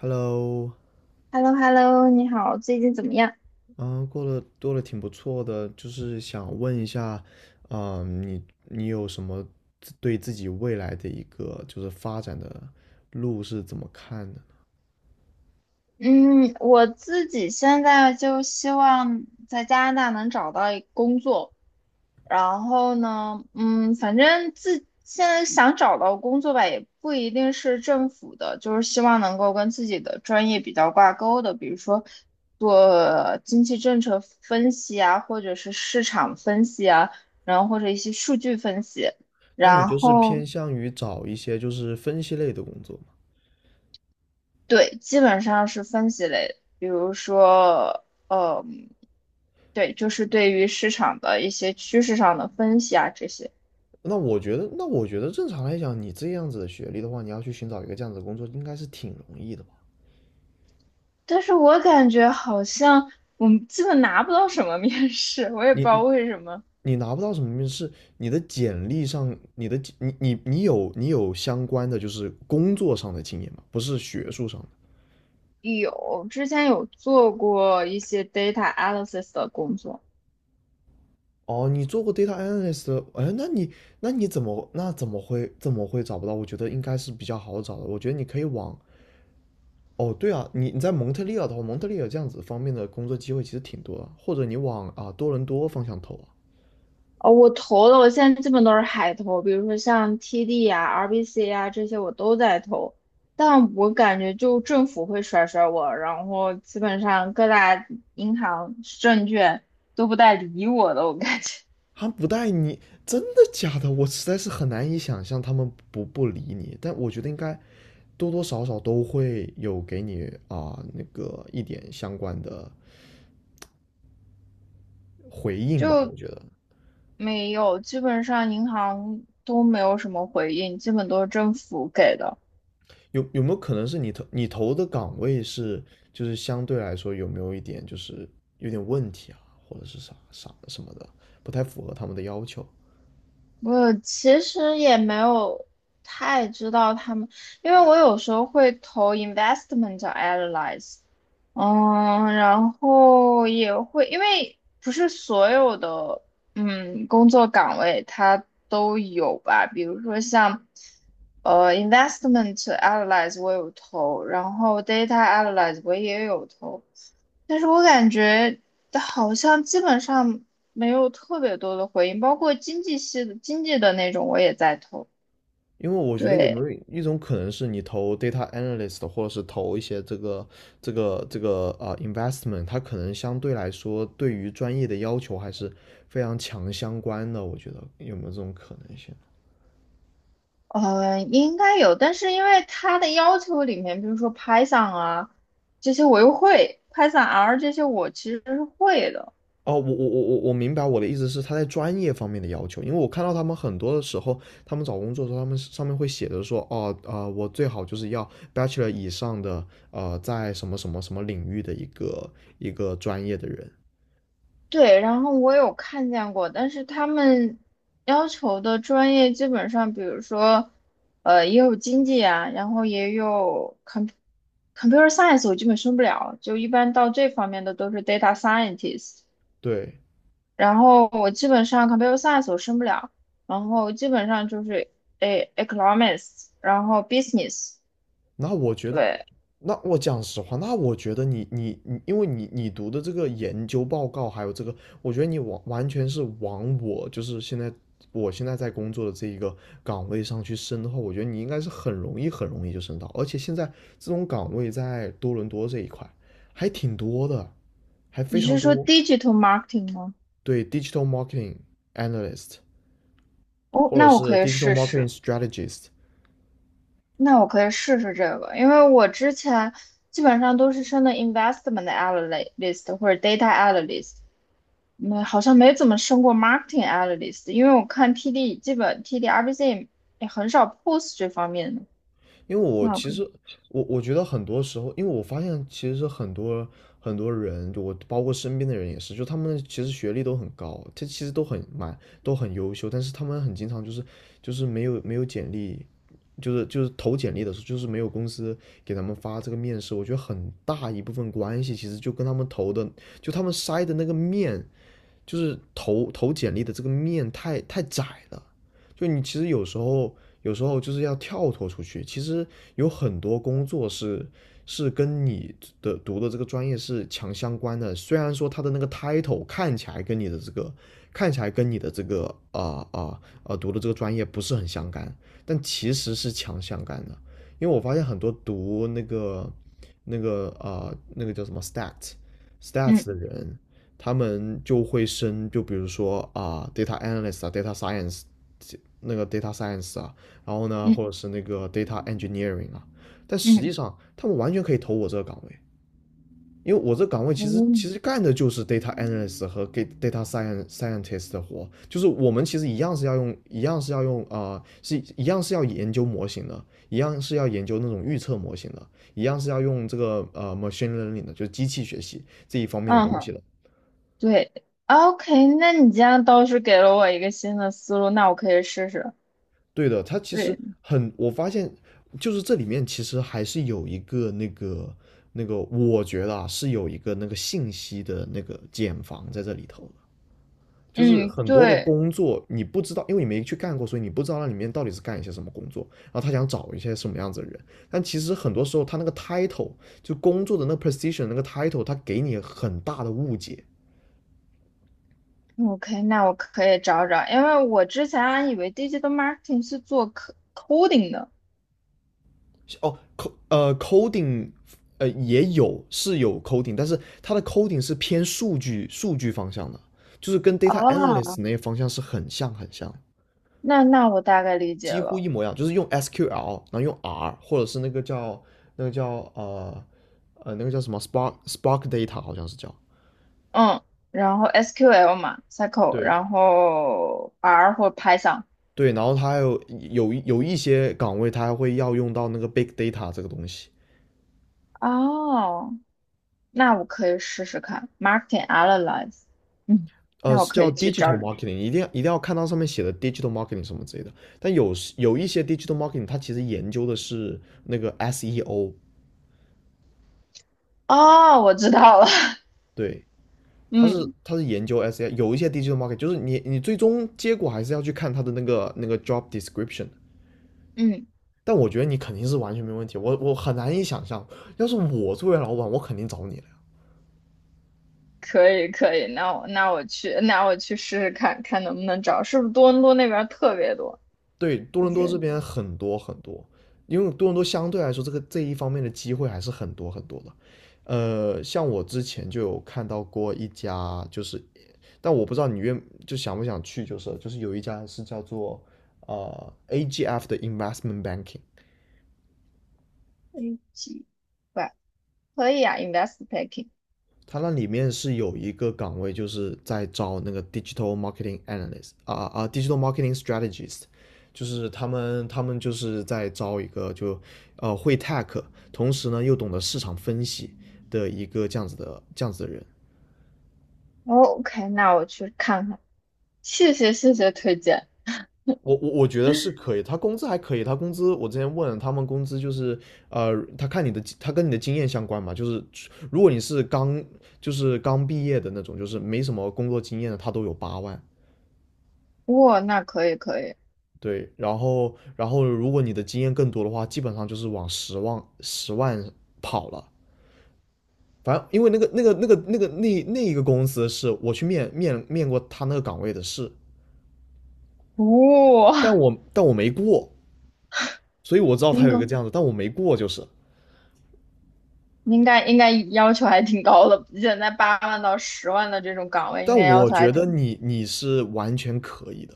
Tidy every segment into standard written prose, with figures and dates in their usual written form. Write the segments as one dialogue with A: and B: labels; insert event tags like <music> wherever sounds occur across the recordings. A: Hello，
B: h e l l o 你好，最近怎么样？
A: 嗯，过得挺不错的，就是想问一下，你有什么对自己未来的一个就是发展的路是怎么看的呢？
B: 嗯，我自己现在就希望在加拿大能找到一工作，然后呢，反正自现在想找到工作吧，也不一定是政府的，就是希望能够跟自己的专业比较挂钩的，比如说做经济政策分析啊，或者是市场分析啊，然后或者一些数据分析，
A: 那你
B: 然
A: 就是偏
B: 后。
A: 向于找一些就是分析类的工作吗？
B: 对，基本上是分析类的比如说，嗯，对，就是对于市场的一些趋势上的分析啊这些。
A: 那我觉得正常来讲，你这样子的学历的话，你要去寻找一个这样子的工作，应该是挺容易的吧？
B: 但是我感觉好像我们基本拿不到什么面试，我也不
A: 你
B: 知道
A: 你
B: 为什么。
A: 你拿不到什么面试，你的简历上，你的你你你有你有相关的就是工作上的经验吗？不是学术上的。
B: 有，之前有做过一些 data analysis 的工作，
A: 哦，你做过 data analyst。哎，那你怎么会找不到？我觉得应该是比较好找的。我觉得你可以往，哦，对啊，你在蒙特利尔的话，蒙特利尔这样子方面的工作机会其实挺多的，或者你往多伦多方向投啊。
B: 哦，我投的，我现在基本都是海投，比如说像 TD 啊、RBC 啊这些我都在投，但我感觉就政府会甩甩我，然后基本上各大银行、证券都不带理我的，我感觉
A: 他们不带你，真的假的？我实在是很难以想象他们不理你，但我觉得应该多多少少都会有给你那个一点相关的回应吧。我
B: 就
A: 觉得
B: 没有，基本上银行都没有什么回应，基本都是政府给的。
A: 有没有可能是你投的岗位是就是相对来说有没有一点就是有点问题啊，或者是啥什么的，不太符合他们的要求？
B: 我其实也没有太知道他们，因为我有时候会投 investment analyze，然后也会，因为不是所有的工作岗位它都有吧，比如说像investment analyze 我有投，然后 data analyze 我也有投，但是我感觉好像基本上没有特别多的回应，包括经济系的经济的那种我也在投。
A: 因为我觉得有没
B: 对，
A: 有一种可能是你投 data analyst，或者是投一些这个 investment，它可能相对来说对于专业的要求还是非常强相关的。我觉得有没有这种可能性？
B: 应该有，但是因为他的要求里面，比如说 Python 啊这些我又会，Python R 这些我其实是会的。
A: 哦，我明白我的意思是他在专业方面的要求，因为我看到他们很多的时候，他们找工作的时候，他们上面会写着说，哦，啊，我最好就是要 bachelor 以上的，在什么什么什么领域的一个专业的人。
B: 对，然后我有看见过，但是他们要求的专业基本上，比如说，也有经济啊，然后也有 computer science，我基本升不了，就一般到这方面的都是 data scientist。
A: 对。
B: 然后我基本上 computer science 我升不了，然后基本上就是economics，然后 business。
A: 那我觉得，
B: 对，
A: 那我讲实话，那我觉得你，因为你读的这个研究报告，还有这个，我觉得你完全是往我就是现在我现在在工作的这一个岗位上去升的话，我觉得你应该是很容易很容易就升到，而且现在这种岗位在多伦多这一块还挺多的，还非
B: 你
A: 常
B: 是说
A: 多。
B: digital marketing 吗？
A: 对，digital marketing analyst
B: 哦，
A: 或者
B: 那我
A: 是
B: 可以
A: digital
B: 试
A: marketing
B: 试。
A: strategist。
B: 那我可以试试这个，因为我之前基本上都是升的 investment analyst 或者 data analyst，好像没怎么升过 marketing analyst，因为我看 TD 基本 TD RBC 也很少 post 这方面的。
A: 因为我
B: 那我
A: 其
B: 可以，
A: 实我我觉得很多时候，因为我发现其实很多很多人，就我包括身边的人也是，就他们其实学历都很高，这其实都很蛮都很优秀，但是他们很经常就是没有简历，就是投简历的时候，就是没有公司给他们发这个面试，我觉得很大一部分关系其实就跟他们投的，就他们筛的那个面就是投简历的这个面太窄了，就你其实有时候就是要跳脱出去，其实有很多工作是是跟你的读的这个专业是强相关的，虽然说他的那个 title 看起来跟你的这个读的这个专业不是很相干，但其实是强相干的，因为我发现很多读那个那个叫什么 stat。stats 的
B: 嗯
A: 人，他们就会升，就比如说d a t a analyst 啊，data science，那个 data science 啊，然后呢，或者
B: 嗯
A: 是那个 data engineering 啊，但实
B: 嗯
A: 际上他们完全可以投我这个岗位，因为我这个岗位其实其
B: 嗯，
A: 实干的就是 data analyst 和 data science scientist 的活，就是我们其实一样是要用，一样是要用是一样是要研究模型的，一样是要研究那种预测模型的，一样是要用这个machine learning 的，就是机器学习这一方面的
B: 嗯
A: 东西
B: 哼
A: 的。
B: 对，OK，那你这样倒是给了我一个新的思路，那我可以试试。
A: 对的，他其实
B: 对，
A: 很，我发现就是这里面其实还是有一个那个，我觉得是有一个那个信息的那个茧房在这里头的就是
B: 嗯
A: 很多的
B: 对。
A: 工作你不知道，因为你没去干过，所以你不知道那里面到底是干一些什么工作，然后他想找一些什么样子的人，但其实很多时候他那个 title 就工作的那个 position 那个 title，他给你很大的误解。
B: OK，那我可以找找，因为我之前还以为 digital marketing 是做 c d i n g 的，
A: 哦，coding 也有是有 coding，但是它的 coding 是偏数据方向的，就是跟 data
B: 哦，
A: analyst 那些方向是很像很像，
B: 那我大概理解
A: 几乎一
B: 了。
A: 模一样，就是用 SQL，然后用 R，或者是那个叫那个叫呃那个叫什么 Spark Data 好像是叫，
B: 嗯，然后 SQL 嘛，SQL，
A: 对，
B: 然后 R 或 Python。
A: 对，然后它还有一些岗位它还会要用到那个 big data 这个东西。
B: 哦，那我可以试试看 marketing analyze。嗯，那我
A: 是
B: 可
A: 叫
B: 以去找
A: digital
B: 找。
A: marketing，一定要一定要看到上面写的 digital marketing 什么之类的。但有时有一些 digital marketing，它其实研究的是那个 SEO。
B: 哦，我知道了。
A: 对，
B: <laughs>
A: 它是
B: 嗯
A: 它是研究 SEO。有一些 digital marketing 就是你你最终结果还是要去看它的那个那个 job description。
B: 嗯，
A: 但我觉得你肯定是完全没问题，我很难以想象，要是我作为老板，我肯定找你了。
B: 可以可以，那我那我去试试看看能不能找，是不是多伦多那边儿特别多？
A: 对，多
B: 就
A: 伦多这
B: 是
A: 边很多很多，因为多伦多相对来说这个这一方面的机会还是很多很多的。像我之前就有看到过一家，就是，但我不知道你愿就想不想去，就是有一家是叫做AGF 的 Investment Banking，
B: 飞机吧，可以啊，invest packing。
A: 它那里面是有一个岗位，就是在招那个 digital marketing analyst d i g i t a l marketing strategist，就是他们就是在招一个就会 tech，同时呢又懂得市场分析的一个这样子的人。
B: OK，那我去看看。谢谢谢谢推荐。
A: 我觉得是可以，他工资还可以，他工资我之前问了，他们工资就是呃，他看你的他跟你的经验相关嘛，就是如果你是刚就是刚毕业的那种，就是没什么工作经验的，他都有8万。
B: 哇、那可以可以。
A: 对，然后如果你的经验更多的话，基本上就是往十万跑了。反正因为那一个公司是我去面过他那个岗位的试，但
B: 哇、
A: 我但我没过，所以我知
B: <laughs>
A: 道他
B: 应
A: 有一
B: 该
A: 个这样子，但我没过就是。
B: 应该要求还挺高的，现在8万到10万的这种岗位应
A: 但
B: 该要
A: 我
B: 求还
A: 觉得
B: 挺。
A: 你你是完全可以的，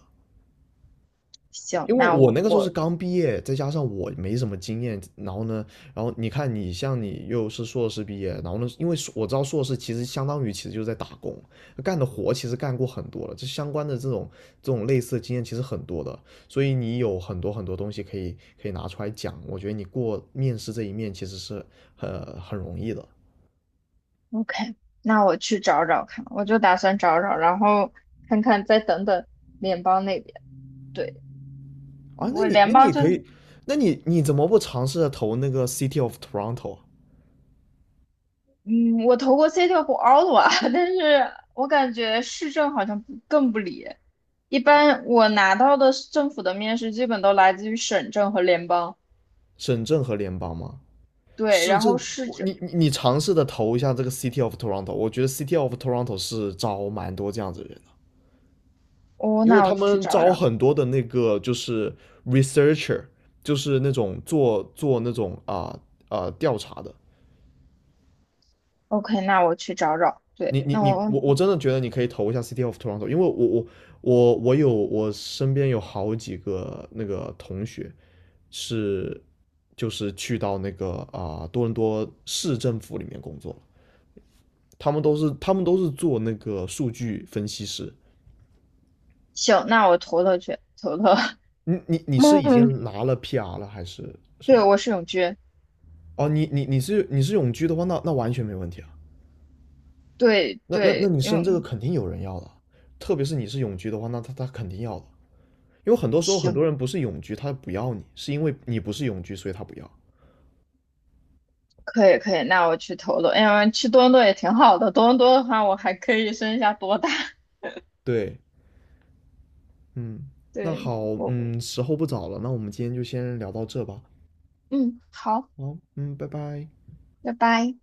A: 我
B: 行，
A: 因为
B: 那
A: 我
B: 我
A: 那个时候是
B: 我
A: 刚毕业，再加上我没什么经验，然后呢，然后你看你像你又是硕士毕业，然后呢，因为我知道硕士其实相当于其实就是在打工，干的活其实干过很多了，这相关的这种类似的经验其实很多的，所以你有很多很多东西可以拿出来讲，我觉得你过面试这一面其实是很容易的。
B: OK，那我去找找看，我就打算找找，然后看看再等等联邦那边。对，
A: 啊，那
B: 我
A: 你那
B: 联邦
A: 你
B: 就
A: 可以。那你怎么不尝试着投那个 City of Toronto？
B: 嗯，我投过 City 和 Ottawa，<laughs> 但是我感觉市政好像不更不理。一般我拿到的政府的面试，基本都来自于省政和联邦。
A: 省政和联邦吗？
B: 对，
A: 市
B: 然后
A: 政。
B: 市
A: 我
B: 政，
A: 你你你尝试的投一下这个 City of Toronto，我觉得 City of Toronto 是招蛮多这样子的人的，
B: 哦，
A: 因为
B: 那我
A: 他
B: 去
A: 们
B: 找
A: 招
B: 找。
A: 很多的那个就是 researcher，就是那种做那种调查的。
B: OK，那我去找找。对，
A: 你你
B: 那
A: 你，
B: 我
A: 我真的觉得你可以投一下 City of Toronto，因为我身边有好几个那个同学是去到那个多伦多市政府里面工作，他们都是做那个数据分析师。
B: 行，那我投投去，投投。
A: 你
B: <laughs>
A: 是已
B: 嗯，
A: 经拿了 PR 了还是什
B: 对，
A: 么？
B: 我是永居。
A: 哦，你是永居的话，那完全没问题啊。
B: 对
A: 那
B: 对，
A: 你
B: 因
A: 升
B: 为
A: 这个肯定有人要的啊，特别是你是永居的话，那他肯定要的啊。因为很多时候很
B: 行，
A: 多人不是永居，他不要你，是因为你不是永居，所以他不要。
B: 可以可以，那我去投投。哎呀，去多伦多也挺好的，多伦多的话，我还可以升一下多大。<laughs>
A: 对，嗯，那
B: 对。
A: 好，
B: 我。
A: 嗯，时候不早了，那我们今天就先聊到这吧。
B: 嗯，好。
A: 好，嗯，拜拜。
B: 拜拜。